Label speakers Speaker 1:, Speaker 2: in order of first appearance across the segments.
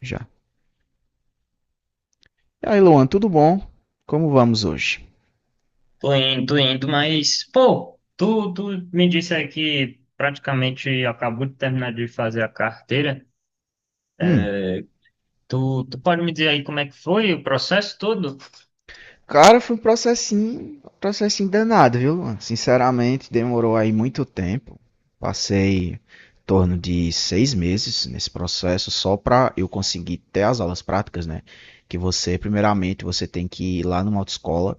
Speaker 1: Já. E aí, Luan, tudo bom? Como vamos hoje?
Speaker 2: Tô indo, mas, pô, tu me disse aí que praticamente acabou de terminar de fazer a carteira.
Speaker 1: Hum.
Speaker 2: É, tu pode me dizer aí como é que foi o processo todo?
Speaker 1: Cara, foi um processinho, processinho danado, viu, Luan? Sinceramente, demorou aí muito tempo. Passei em torno de 6 meses nesse processo só para eu conseguir ter as aulas práticas, né? Que você, primeiramente, você tem que ir lá numa autoescola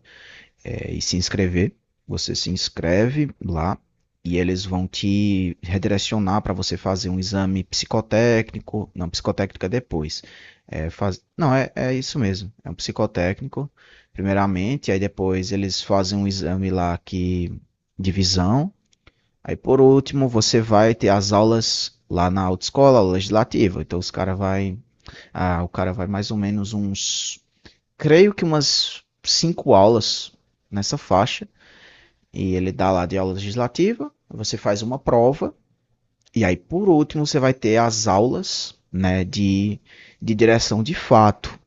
Speaker 1: e se inscrever. Você se inscreve lá e eles vão te redirecionar para você fazer um exame psicotécnico. Não, psicotécnico é depois. É, faz... Não, é isso mesmo. É um psicotécnico, primeiramente, aí depois eles fazem um exame lá que... de visão. Aí por último, você vai ter as aulas lá na autoescola aula legislativa. Então os cara vai, o cara vai mais ou menos uns, creio que umas cinco aulas nessa faixa e ele dá lá de aula legislativa, você faz uma prova, e aí por último você vai ter as aulas né, de direção de fato.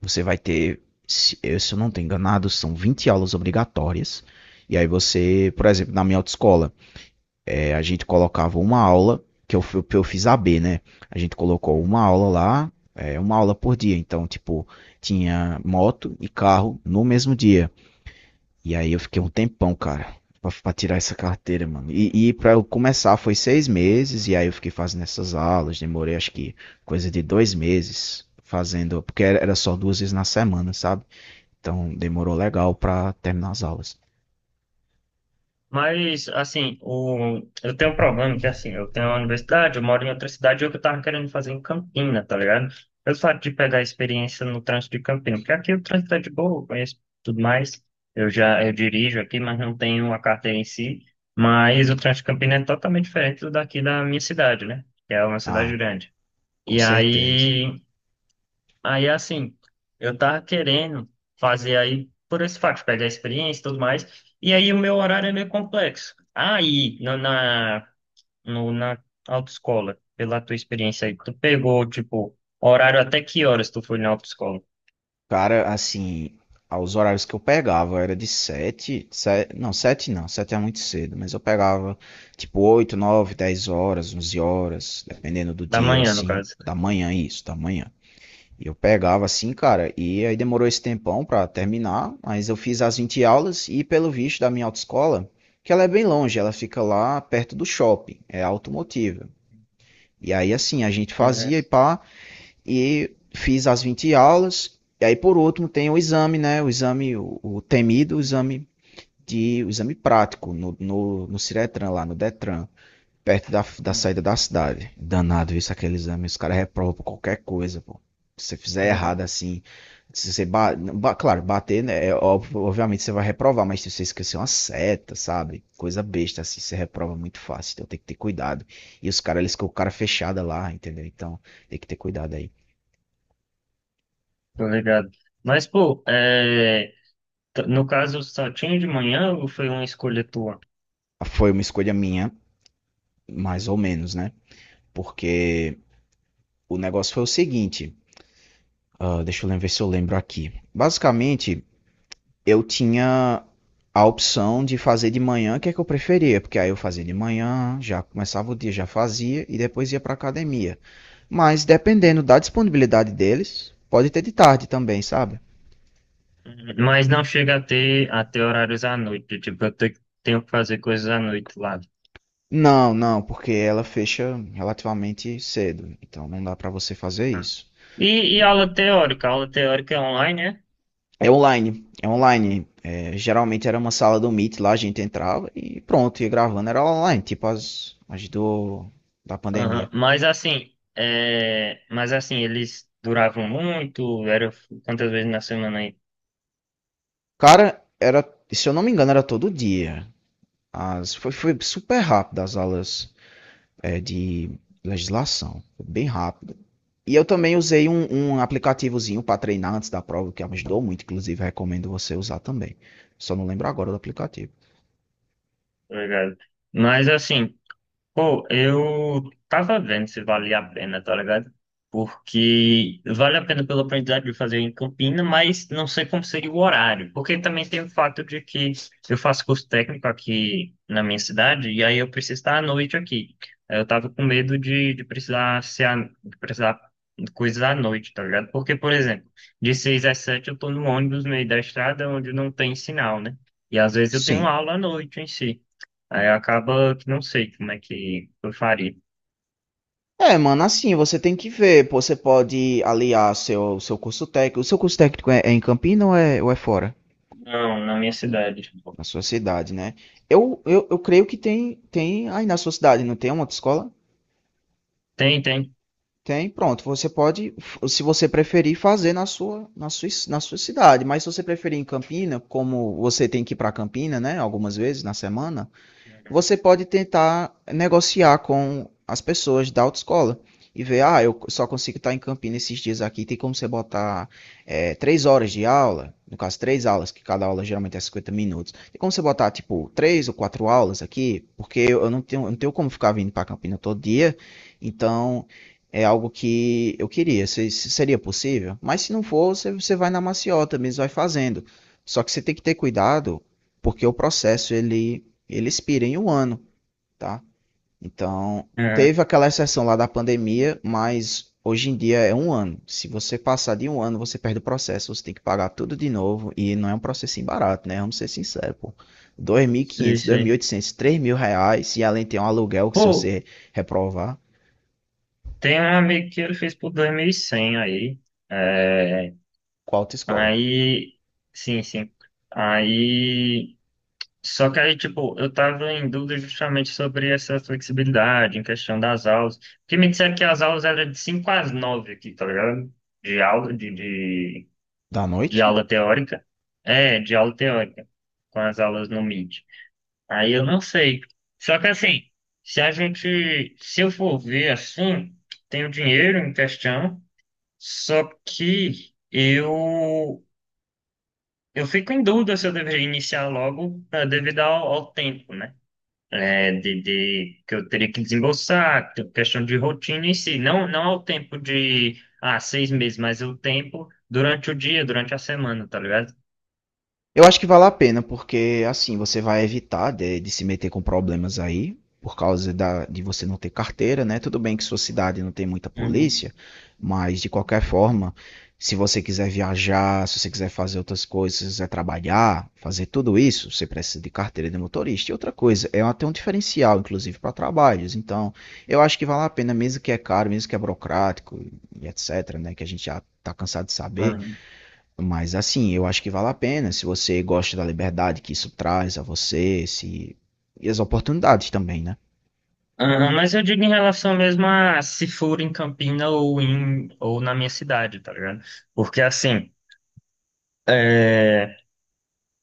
Speaker 1: Você vai ter, se eu não estou enganado, são 20 aulas obrigatórias. E aí você, por exemplo, na minha autoescola, a gente colocava uma aula, que eu fiz AB, né? A gente colocou uma aula lá, uma aula por dia. Então, tipo, tinha moto e carro no mesmo dia. E aí eu fiquei um tempão, cara, pra tirar essa carteira, mano. E pra eu começar foi 6 meses, e aí eu fiquei fazendo essas aulas, demorei acho que coisa de 2 meses fazendo, porque era só duas vezes na semana, sabe? Então demorou legal pra terminar as aulas.
Speaker 2: Mas, assim, o... eu tenho um problema que, assim, eu tenho uma universidade, eu moro em outra cidade, e o que eu tava querendo fazer em Campina, tá ligado? Eu fato de pegar experiência no trânsito de Campina, porque aqui o trânsito é de boa, eu conheço tudo mais, eu já eu dirijo aqui, mas não tenho a carteira em si, mas o trânsito de Campina é totalmente diferente do daqui da minha cidade, né? Que é uma cidade
Speaker 1: Ah,
Speaker 2: grande.
Speaker 1: com
Speaker 2: E
Speaker 1: certeza.
Speaker 2: aí, aí, assim, eu tava querendo fazer aí, por esse fato, de pegar experiência e tudo mais, e aí o meu horário é meio complexo. Aí, na, na, no, na autoescola, pela tua experiência aí, tu pegou, tipo, horário até que horas tu foi na autoescola?
Speaker 1: Cara, assim, aos horários que eu pegava era de sete, não, sete não, sete é muito cedo, mas eu pegava tipo 8, 9, 10 horas, 11 horas, dependendo do
Speaker 2: Da
Speaker 1: dia,
Speaker 2: manhã, no
Speaker 1: assim,
Speaker 2: caso.
Speaker 1: da manhã, isso, da manhã. E eu pegava assim, cara, e aí demorou esse tempão pra terminar, mas eu fiz as 20 aulas e pelo visto da minha autoescola, que ela é bem longe, ela fica lá perto do shopping, é automotiva. E aí assim, a gente
Speaker 2: Uhum.
Speaker 1: fazia e pá, e fiz as 20 aulas, e aí por último tem o exame, né, o exame, o temido exame de, o exame prático no Ciretran lá, no Detran perto da saída
Speaker 2: Uhum.
Speaker 1: da cidade. Danado isso, aquele exame. Os caras reprovam por qualquer coisa, pô. Se você fizer
Speaker 2: Uhum.
Speaker 1: errado assim, se você claro, bater, né? Obviamente você vai reprovar, mas se você esquecer uma seta, sabe? Coisa besta assim, você reprova muito fácil. Então tem que ter cuidado. E os caras, eles ficam com o cara fechada lá, entendeu? Então tem que ter cuidado aí.
Speaker 2: Tô ligado. Mas, pô, é, no caso, só tinha de manhã ou foi uma escolha tua?
Speaker 1: Foi uma escolha minha, mais ou menos, né? Porque o negócio foi o seguinte. Deixa eu lembrar ver se eu lembro aqui. Basicamente, eu tinha a opção de fazer de manhã, que é que eu preferia, porque aí eu fazia de manhã, já começava o dia, já fazia e depois ia para academia. Mas dependendo da disponibilidade deles, pode ter de tarde também, sabe?
Speaker 2: Mas não chega a ter horários à noite. Tipo, tenho que fazer coisas à noite lá.
Speaker 1: Não, não, porque ela fecha relativamente cedo, então não dá para você fazer
Speaker 2: Né?
Speaker 1: isso.
Speaker 2: E aula teórica? A aula teórica é online, né?
Speaker 1: É online, é online. É, geralmente era uma sala do Meet, lá a gente entrava e pronto, ia gravando, era online, tipo as da pandemia.
Speaker 2: Aham. Mas assim, é... mas assim, eles duravam muito, era quantas vezes na semana aí,
Speaker 1: Cara, era, se eu não me engano, era todo dia. Foi super rápido as aulas de legislação, foi bem rápido. E eu também usei um aplicativozinho para treinar antes da prova, que ajudou muito, inclusive recomendo você usar também. Só não lembro agora do aplicativo.
Speaker 2: tá ligado? Mas assim. Pô, eu tava vendo se valia a pena, tá ligado? Porque vale a pena pelo aprendizado de fazer em Campina, mas não sei como seria o horário. Porque também tem o fato de que eu faço curso técnico aqui na minha cidade, e aí eu preciso estar à noite aqui. Aí eu tava com medo de, de precisar de coisas à noite, tá ligado? Porque, por exemplo, de 6 às 7 eu tô no ônibus no meio da estrada onde não tem sinal, né? E às vezes eu tenho
Speaker 1: Sim.
Speaker 2: aula à noite em si. Aí acaba que não sei como é que eu faria.
Speaker 1: É, mano, assim, você tem que ver. Pô, você pode aliar seu curso técnico. O seu curso técnico é em Campina ou é fora?
Speaker 2: Não, na minha cidade.
Speaker 1: Na sua cidade, né? Eu creio que tem aí na sua cidade, não tem uma outra escola?
Speaker 2: Tem, tem.
Speaker 1: Tem, pronto. Você pode, se você preferir, fazer na sua cidade. Mas se você preferir em Campina, como você tem que ir para Campina, né, algumas vezes na semana,
Speaker 2: Uhum.
Speaker 1: você pode tentar negociar com as pessoas da autoescola e ver, ah, eu só consigo estar em Campinas esses dias aqui, tem como você botar 3 horas de aula, no caso três aulas, que cada aula geralmente é 50 minutos, tem como você botar, tipo, três ou quatro aulas aqui, porque eu não tenho como ficar vindo para Campinas todo dia, então é algo que eu queria, se seria possível, mas se não for, você vai na maciota mesmo, vai fazendo, só que você tem que ter cuidado, porque o processo, ele expira em um ano, tá? Então,
Speaker 2: É,
Speaker 1: teve aquela exceção lá da pandemia, mas hoje em dia é um ano. Se você passar de um ano, você perde o processo, você tem que pagar tudo de novo e não é um processinho barato, né? Vamos ser sinceros, pô. Dois mil
Speaker 2: sei,
Speaker 1: quinhentos, dois mil e
Speaker 2: sei.
Speaker 1: oitocentos, 3.000 reais e além tem um aluguel que se
Speaker 2: Pô,
Speaker 1: você reprovar,
Speaker 2: tem um amigo que ele fez por 2100 aí. É,
Speaker 1: qual autoescola?
Speaker 2: aí, sim, sim. Aí, só que aí, tipo, eu tava em dúvida justamente sobre essa flexibilidade em questão das aulas. Porque me disseram que as aulas eram de 5 às 9 aqui, tá ligado? De aula, de
Speaker 1: Da
Speaker 2: de
Speaker 1: noite?
Speaker 2: aula teórica. É, de aula teórica, com as aulas no Meet. Aí eu não sei. Só que assim, se a gente, se eu for ver assim, tenho dinheiro em questão, só que eu fico em dúvida se eu deveria iniciar logo, devido ao, ao tempo, né? É, de, que eu teria que desembolsar, que- é questão de rotina em si, não, não ao tempo de, ah, 6 meses, mas o tempo durante o dia, durante a semana, tá ligado?
Speaker 1: Eu acho que vale a pena, porque assim você vai evitar de se meter com problemas aí, por causa de você não ter carteira, né? Tudo bem que sua cidade não tem muita polícia, mas de qualquer forma, se você quiser viajar, se você quiser fazer outras coisas, se você quiser trabalhar, fazer tudo isso, você precisa de carteira de motorista. E outra coisa, é até um diferencial, inclusive, para trabalhos. Então, eu acho que vale a pena, mesmo que é caro, mesmo que é burocrático e etc., né? Que a gente já está cansado de saber.
Speaker 2: Aham.
Speaker 1: Mas assim, eu acho que vale a pena se você gosta da liberdade que isso traz a você, se e as oportunidades também, né?
Speaker 2: Aham, mas eu digo em relação mesmo a se for em Campina ou, em, ou na minha cidade, tá ligado? Porque assim, é,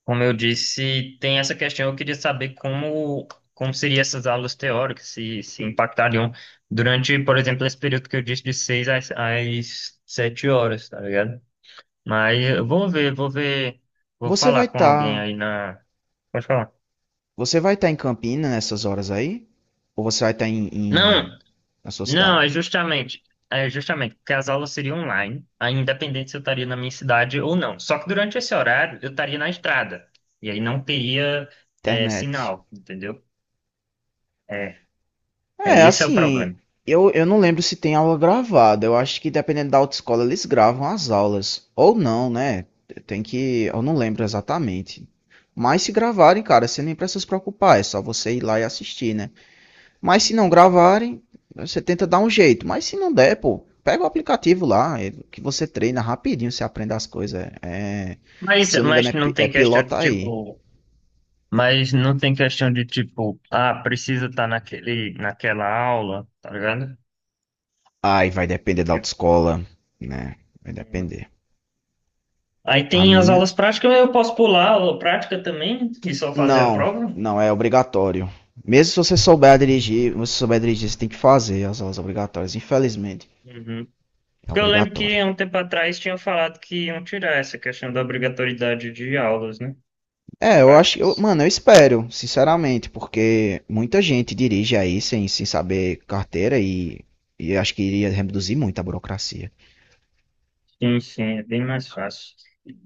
Speaker 2: como eu disse, tem essa questão, eu queria saber como, como seriam essas aulas teóricas, se impactariam durante, por exemplo, esse período que eu disse de 6 às 7 horas, tá ligado? Mas eu vou ver, vou ver, vou
Speaker 1: Você vai
Speaker 2: falar com alguém
Speaker 1: estar,
Speaker 2: aí na... Pode falar.
Speaker 1: você vai estar em Campina nessas horas aí? Ou você vai estar em,
Speaker 2: Não,
Speaker 1: na sua cidade?
Speaker 2: Não, é justamente porque as aulas seriam online, aí independente se eu estaria na minha cidade ou não. Só que durante esse horário eu estaria na estrada, e aí não teria é,
Speaker 1: Internet.
Speaker 2: sinal, entendeu? É, é
Speaker 1: É,
Speaker 2: esse é o
Speaker 1: assim,
Speaker 2: problema.
Speaker 1: eu não lembro se tem aula gravada. Eu acho que dependendo da autoescola eles gravam as aulas ou não, né? Tem que, eu não lembro exatamente. Mas se gravarem, cara, você nem precisa se preocupar, é só você ir lá e assistir, né? Mas se não gravarem, você tenta dar um jeito. Mas se não der, pô, pega o aplicativo lá, que você treina rapidinho, você aprende as coisas. É, se eu não me engano,
Speaker 2: Mas não
Speaker 1: é
Speaker 2: tem questão de
Speaker 1: pilota aí.
Speaker 2: tipo, mas não tem questão de tipo, ah, precisa estar naquele, naquela aula, tá ligado?
Speaker 1: Aí vai
Speaker 2: E,
Speaker 1: depender da
Speaker 2: tipo,
Speaker 1: autoescola, né? Vai
Speaker 2: uhum.
Speaker 1: depender.
Speaker 2: Aí
Speaker 1: A
Speaker 2: tem as
Speaker 1: minha,
Speaker 2: aulas práticas, eu posso pular a aula prática também e só fazer a
Speaker 1: não,
Speaker 2: prova.
Speaker 1: não é obrigatório. Mesmo se você souber dirigir, se você souber dirigir, você tem que fazer as aulas obrigatórias. Infelizmente,
Speaker 2: Uhum.
Speaker 1: é
Speaker 2: Porque eu lembro
Speaker 1: obrigatório.
Speaker 2: que há um tempo atrás tinham falado que iam tirar essa questão da obrigatoriedade de aulas, né?
Speaker 1: É, eu acho, eu,
Speaker 2: Práticas.
Speaker 1: mano, eu espero, sinceramente, porque muita gente dirige aí sem saber carteira e acho que iria reduzir muito a burocracia.
Speaker 2: Sim, sim, é bem mais fácil.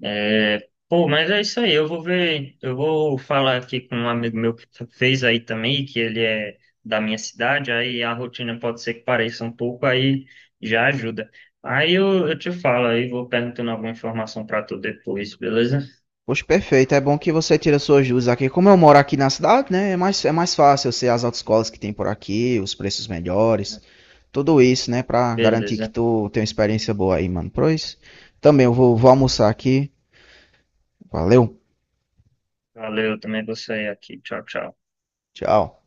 Speaker 2: É, pô, mas é isso aí. Eu vou ver, eu vou falar aqui com um amigo meu que fez aí também, que ele é da minha cidade, aí a rotina pode ser que pareça um pouco, aí já ajuda. Aí eu te falo aí, vou perguntando alguma informação para tu depois, beleza?
Speaker 1: Poxa, perfeito, é bom que você tira suas dúvidas aqui. Como eu moro aqui na cidade, né, é mais fácil eu sei as autoescolas que tem por aqui, os preços melhores, tudo isso, né, pra garantir que
Speaker 2: Beleza.
Speaker 1: tu tem uma experiência boa aí, mano. Pois, também eu vou almoçar aqui. Valeu,
Speaker 2: Valeu, também vou sair aqui. Tchau, tchau.
Speaker 1: tchau.